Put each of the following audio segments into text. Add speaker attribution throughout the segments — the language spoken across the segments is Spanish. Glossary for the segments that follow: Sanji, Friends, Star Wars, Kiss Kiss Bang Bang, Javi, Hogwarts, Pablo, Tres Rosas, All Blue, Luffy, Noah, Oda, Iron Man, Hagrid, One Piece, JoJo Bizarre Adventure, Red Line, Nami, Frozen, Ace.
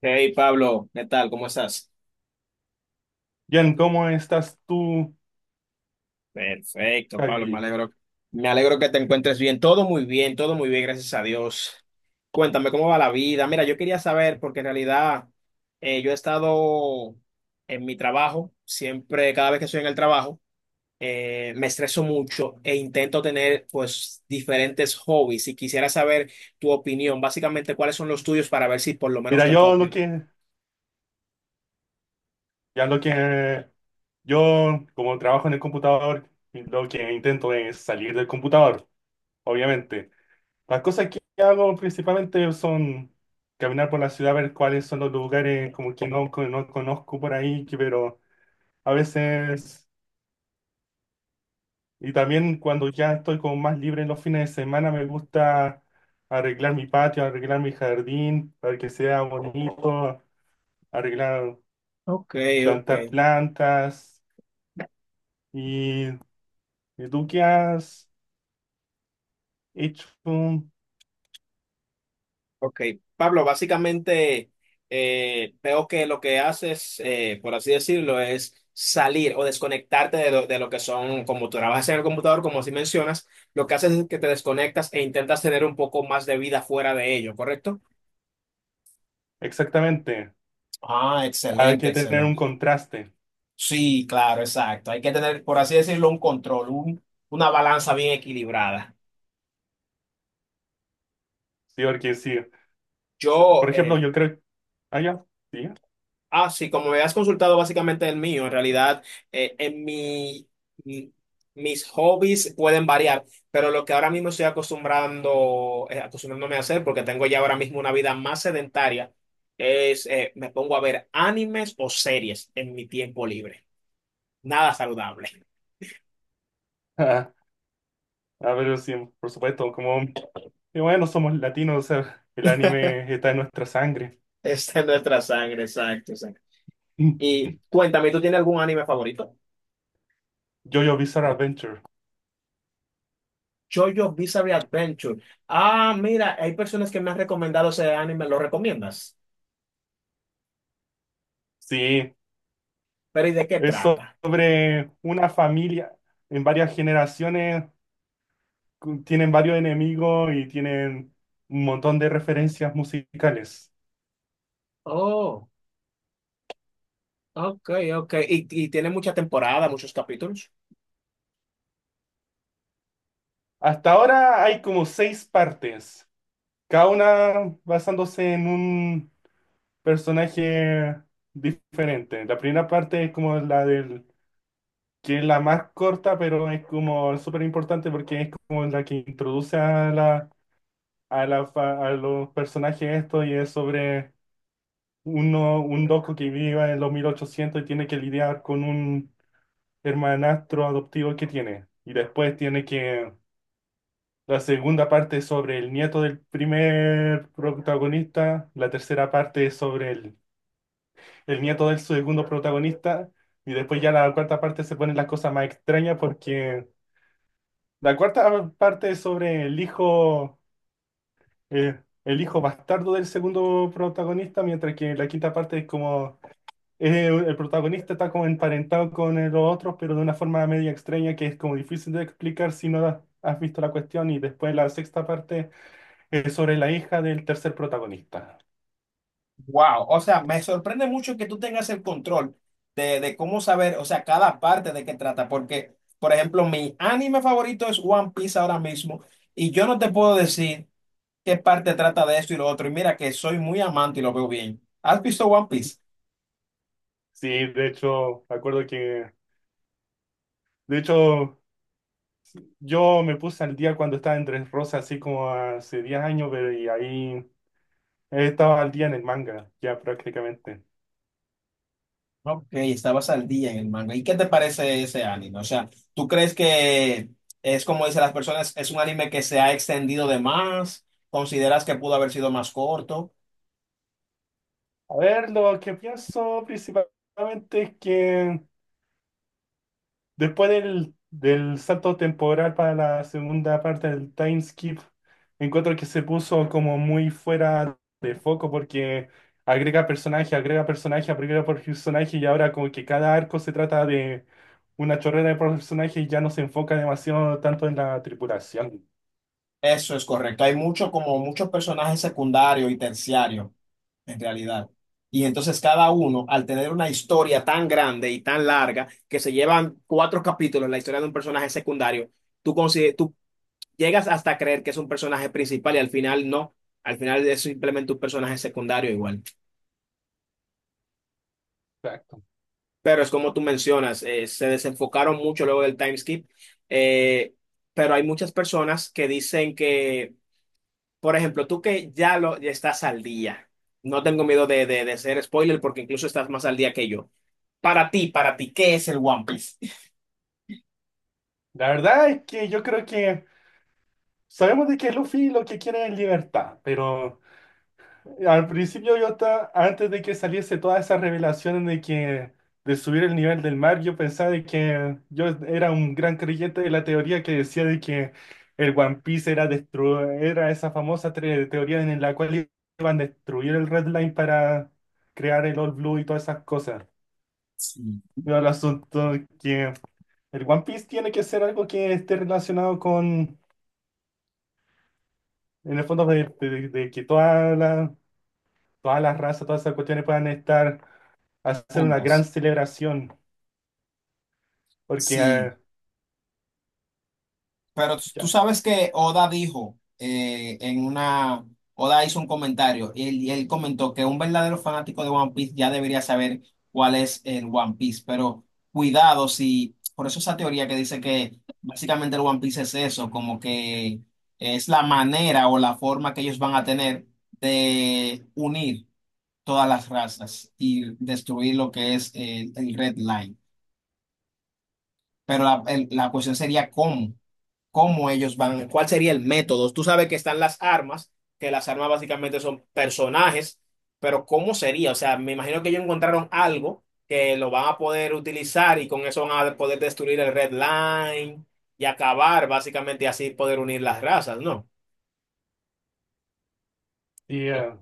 Speaker 1: Hey Pablo, ¿qué tal? ¿Cómo estás?
Speaker 2: Bien, ¿cómo estás tú,
Speaker 1: Perfecto, Pablo, me
Speaker 2: Javi?
Speaker 1: alegro. Me alegro que te encuentres bien. Todo muy bien, todo muy bien, gracias a Dios. Cuéntame cómo va la vida. Mira, yo quería saber, porque en realidad yo he estado en mi trabajo, siempre, cada vez que estoy en el trabajo, me estreso mucho e intento tener pues diferentes hobbies y quisiera saber tu opinión, básicamente cuáles son los tuyos para ver si por lo menos
Speaker 2: Mira,
Speaker 1: te
Speaker 2: yo lo
Speaker 1: copio.
Speaker 2: que, ya lo que, Yo como trabajo en el computador, lo que intento es salir del computador, obviamente. Las cosas que hago principalmente son caminar por la ciudad, ver cuáles son los lugares como que no conozco por ahí, pero a veces, y también cuando ya estoy como más libre en los fines de semana, me gusta arreglar mi patio, arreglar mi jardín, para que sea bonito, arreglar
Speaker 1: Ok, ok.
Speaker 2: plantar plantas. ¿Y, y tú qué has hecho
Speaker 1: Ok, Pablo, básicamente veo que lo que haces, por así decirlo, es salir o desconectarte de de lo que son, como tú trabajas en el computador, como así mencionas, lo que haces es que te desconectas e intentas tener un poco más de vida fuera de ello, ¿correcto?
Speaker 2: exactamente?
Speaker 1: Ah,
Speaker 2: Hay
Speaker 1: excelente,
Speaker 2: que tener un
Speaker 1: excelente.
Speaker 2: contraste,
Speaker 1: Sí, claro, exacto. Hay que tener, por así decirlo, una balanza bien equilibrada.
Speaker 2: ¿sí? Porque sí,
Speaker 1: Yo,
Speaker 2: por ejemplo,
Speaker 1: eh,
Speaker 2: yo creo, ah, ya, sí,
Speaker 1: Ah, sí, como me has consultado básicamente el mío, en realidad eh, en mi, mi- mis hobbies pueden variar, pero lo que ahora mismo estoy acostumbrando, acostumbrándome a hacer, porque tengo ya ahora mismo una vida más sedentaria, es me pongo a ver animes o series en mi tiempo libre. Nada saludable.
Speaker 2: ah, ah, pero sí, por supuesto, como, y bueno, somos latinos, o sea, el anime está en nuestra sangre.
Speaker 1: Está en nuestra sangre, exacto, exacto. Y cuéntame, ¿tú tienes algún anime favorito?
Speaker 2: JoJo Bizarre Adventure,
Speaker 1: JoJo Bizarre Adventure. Ah, mira, hay personas que me han recomendado ese anime, ¿lo recomiendas?
Speaker 2: sí,
Speaker 1: Pero ¿y de qué
Speaker 2: es
Speaker 1: trata?
Speaker 2: sobre una familia en varias generaciones tienen varios enemigos y tienen un montón de referencias musicales.
Speaker 1: Oh, ok, ok. Y tiene mucha temporada, muchos capítulos.
Speaker 2: Hasta ahora hay como seis partes, cada una basándose en un personaje diferente. La primera parte es como que es la más corta, pero es como súper importante porque es como la que introduce a los personajes esto y es sobre un loco que vive en los 1800 y tiene que lidiar con un hermanastro adoptivo que tiene. Y después tiene que La segunda parte es sobre el nieto del primer protagonista, la tercera parte es sobre el nieto del segundo protagonista, y después ya la cuarta parte se ponen las cosas más extrañas porque la cuarta parte es sobre el hijo bastardo del segundo protagonista, mientras que la quinta parte es como el protagonista está como emparentado con el otro, pero de una forma media extraña que es como difícil de explicar si no has visto la cuestión. Y después la sexta parte es sobre la hija del tercer protagonista.
Speaker 1: Wow, o sea, me sorprende mucho que tú tengas el control de cómo saber, o sea, cada parte de qué trata, porque, por ejemplo, mi anime favorito es One Piece ahora mismo, y yo no te puedo decir qué parte trata de esto y lo otro, y mira que soy muy amante y lo veo bien. ¿Has visto One Piece?
Speaker 2: Sí, de hecho, de hecho, yo me puse al día cuando estaba en Tres Rosas, así como hace 10 años, pero y ahí estaba al día en el manga, ya prácticamente.
Speaker 1: Ok, estabas al día en el manga. ¿Y qué te parece ese anime? O sea, ¿tú crees que es como dicen las personas, es un anime que se ha extendido de más? ¿Consideras que pudo haber sido más corto?
Speaker 2: A ver, lo que pienso principalmente es que después del salto temporal para la segunda parte del time skip, encuentro que se puso como muy fuera de foco porque agrega personaje, agrega personaje, agrega por personaje y ahora como que cada arco se trata de una chorrera de personaje y ya no se enfoca demasiado tanto en la tripulación.
Speaker 1: Eso es correcto. Hay mucho, como muchos personajes secundarios y terciarios, en realidad. Y entonces cada uno, al tener una historia tan grande y tan larga, que se llevan cuatro capítulos la historia de un personaje secundario, tú llegas hasta a creer que es un personaje principal y al final no. Al final es simplemente un personaje secundario igual.
Speaker 2: Exacto.
Speaker 1: Pero es como tú mencionas, se desenfocaron mucho luego del time skip. Eh, pero hay muchas personas que dicen que, por ejemplo, tú que ya estás al día. No tengo miedo de ser spoiler porque incluso estás más al día que yo. Para ti, ¿qué es el One Piece?
Speaker 2: La verdad es que yo creo que sabemos de que Luffy lo que quiere es libertad, pero al principio yo estaba, antes de que saliese toda esa revelación de que de subir el nivel del mar, yo pensaba de que yo era un gran creyente de la teoría que decía de que el One Piece era esa famosa teoría en la cual iban a destruir el Red Line para crear el All Blue y todas esas cosas.
Speaker 1: Sí,
Speaker 2: Pero el asunto es que el One Piece tiene que ser algo que esté relacionado con, en el fondo, de que todas las razas, todas esas cuestiones puedan estar hacer una gran
Speaker 1: juntas.
Speaker 2: celebración, porque
Speaker 1: Sí. Pero tú
Speaker 2: ya,
Speaker 1: sabes que Oda dijo Oda hizo un comentario y él comentó que un verdadero fanático de One Piece ya debería saber cuál es el One Piece, pero cuidado si, por eso esa teoría que dice que básicamente el One Piece es eso, como que es la manera o la forma que ellos van a tener de unir todas las razas y destruir lo que es el Red Line. La cuestión sería cómo, cómo ellos van, cuál sería el método. Tú sabes que están las armas, que las armas básicamente son personajes, pero ¿cómo sería? O sea, me imagino que ellos encontraron algo que lo van a poder utilizar y con eso van a poder destruir el Red Line y acabar básicamente y así poder unir las razas, ¿no?
Speaker 2: y, eh,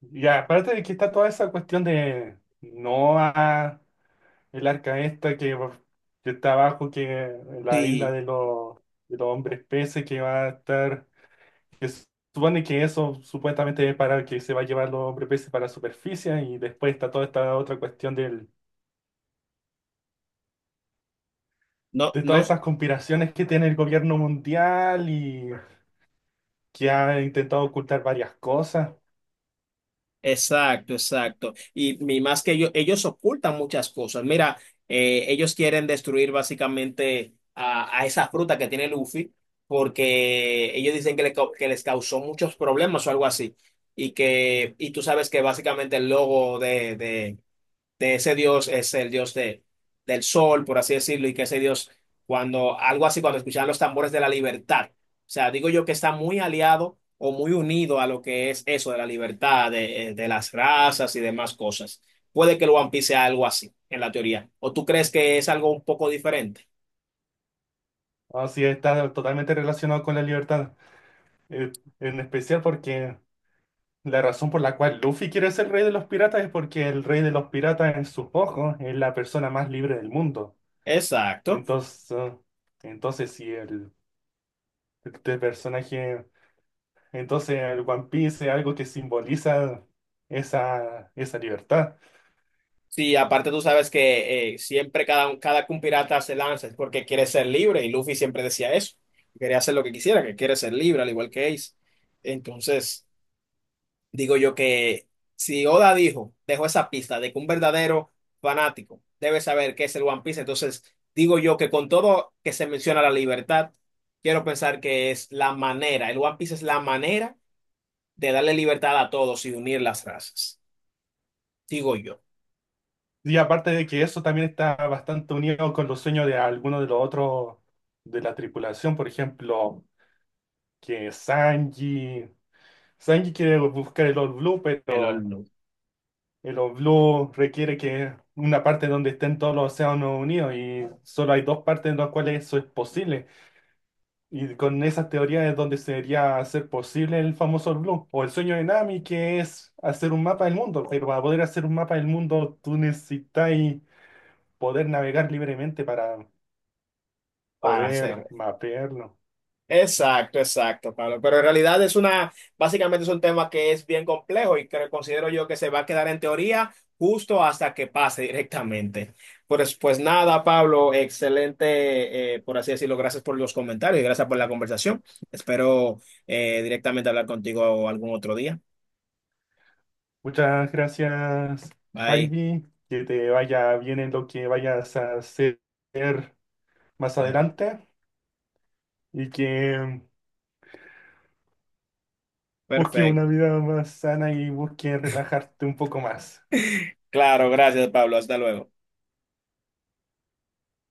Speaker 2: y aparte de que está toda esa cuestión de Noah, el arca esta que está abajo, que la isla
Speaker 1: Sí,
Speaker 2: de los hombres peces que va a estar, que se supone que eso supuestamente es para que se va a llevar los hombres peces para la superficie, y después está toda esta otra cuestión del,
Speaker 1: no,
Speaker 2: de todas
Speaker 1: no.
Speaker 2: estas conspiraciones que tiene el gobierno mundial y que ha intentado ocultar varias cosas.
Speaker 1: Exacto, exacto. Y más que ellos ocultan muchas cosas. Mira, ellos quieren destruir básicamente a esa fruta que tiene Luffy porque ellos dicen que, que les causó muchos problemas o algo así. Y que, y tú sabes que básicamente el logo de ese dios es el dios de, del sol, por así decirlo, y que ese dios, cuando algo así, cuando escuchaban los tambores de la libertad, o sea, digo yo que está muy aliado o muy unido a lo que es eso de la libertad, de las razas y demás cosas. Puede que el One Piece sea algo así, en la teoría. ¿O tú crees que es algo un poco diferente?
Speaker 2: Así está totalmente relacionado con la libertad. Eh, en especial porque la razón por la cual Luffy quiere ser rey de los piratas es porque el rey de los piratas en sus ojos es la persona más libre del mundo.
Speaker 1: Exacto.
Speaker 2: Entonces, eh, entonces, si el, este personaje, entonces el One Piece es algo que simboliza esa libertad.
Speaker 1: Sí, aparte tú sabes que siempre cada, cada que un pirata se lanza es porque quiere ser libre y Luffy siempre decía eso, que quería hacer lo que quisiera, que quiere ser libre, al igual que Ace. Entonces, digo yo que si Oda dijo, dejó esa pista de que un verdadero fanático debe saber qué es el One Piece, entonces digo yo que con todo que se menciona la libertad, quiero pensar que es la manera, el One Piece es la manera de darle libertad a todos y unir las razas, digo yo.
Speaker 2: Y aparte de que eso también está bastante unido con los sueños de algunos de los otros de la tripulación, por ejemplo, que Sanji. Sanji quiere buscar el All Blue,
Speaker 1: El,
Speaker 2: pero el All Blue requiere que una parte donde estén todos los océanos unidos y solo hay dos partes en las cuales eso es posible. Y con esas teorías es donde sería hacer posible el famoso All Blue o el sueño de Nami, que es hacer un mapa del mundo. Pero para poder hacer un mapa del mundo, tú necesitas poder navegar libremente para
Speaker 1: Para
Speaker 2: poder
Speaker 1: hacer.
Speaker 2: mapearlo.
Speaker 1: Exacto, exacto, Pablo. Pero en realidad es una, básicamente es un tema que es bien complejo y que considero yo que se va a quedar en teoría justo hasta que pase directamente. Pues, pues nada, Pablo, excelente, por así decirlo. Gracias por los comentarios y gracias por la conversación. Espero directamente hablar contigo algún otro día.
Speaker 2: Muchas gracias,
Speaker 1: Bye.
Speaker 2: Javi. Que te vaya bien en lo que vayas a hacer más
Speaker 1: Claro.
Speaker 2: adelante y que busques una
Speaker 1: Perfecto.
Speaker 2: vida más sana y busques relajarte un poco más.
Speaker 1: Claro, gracias, Pablo. Hasta luego.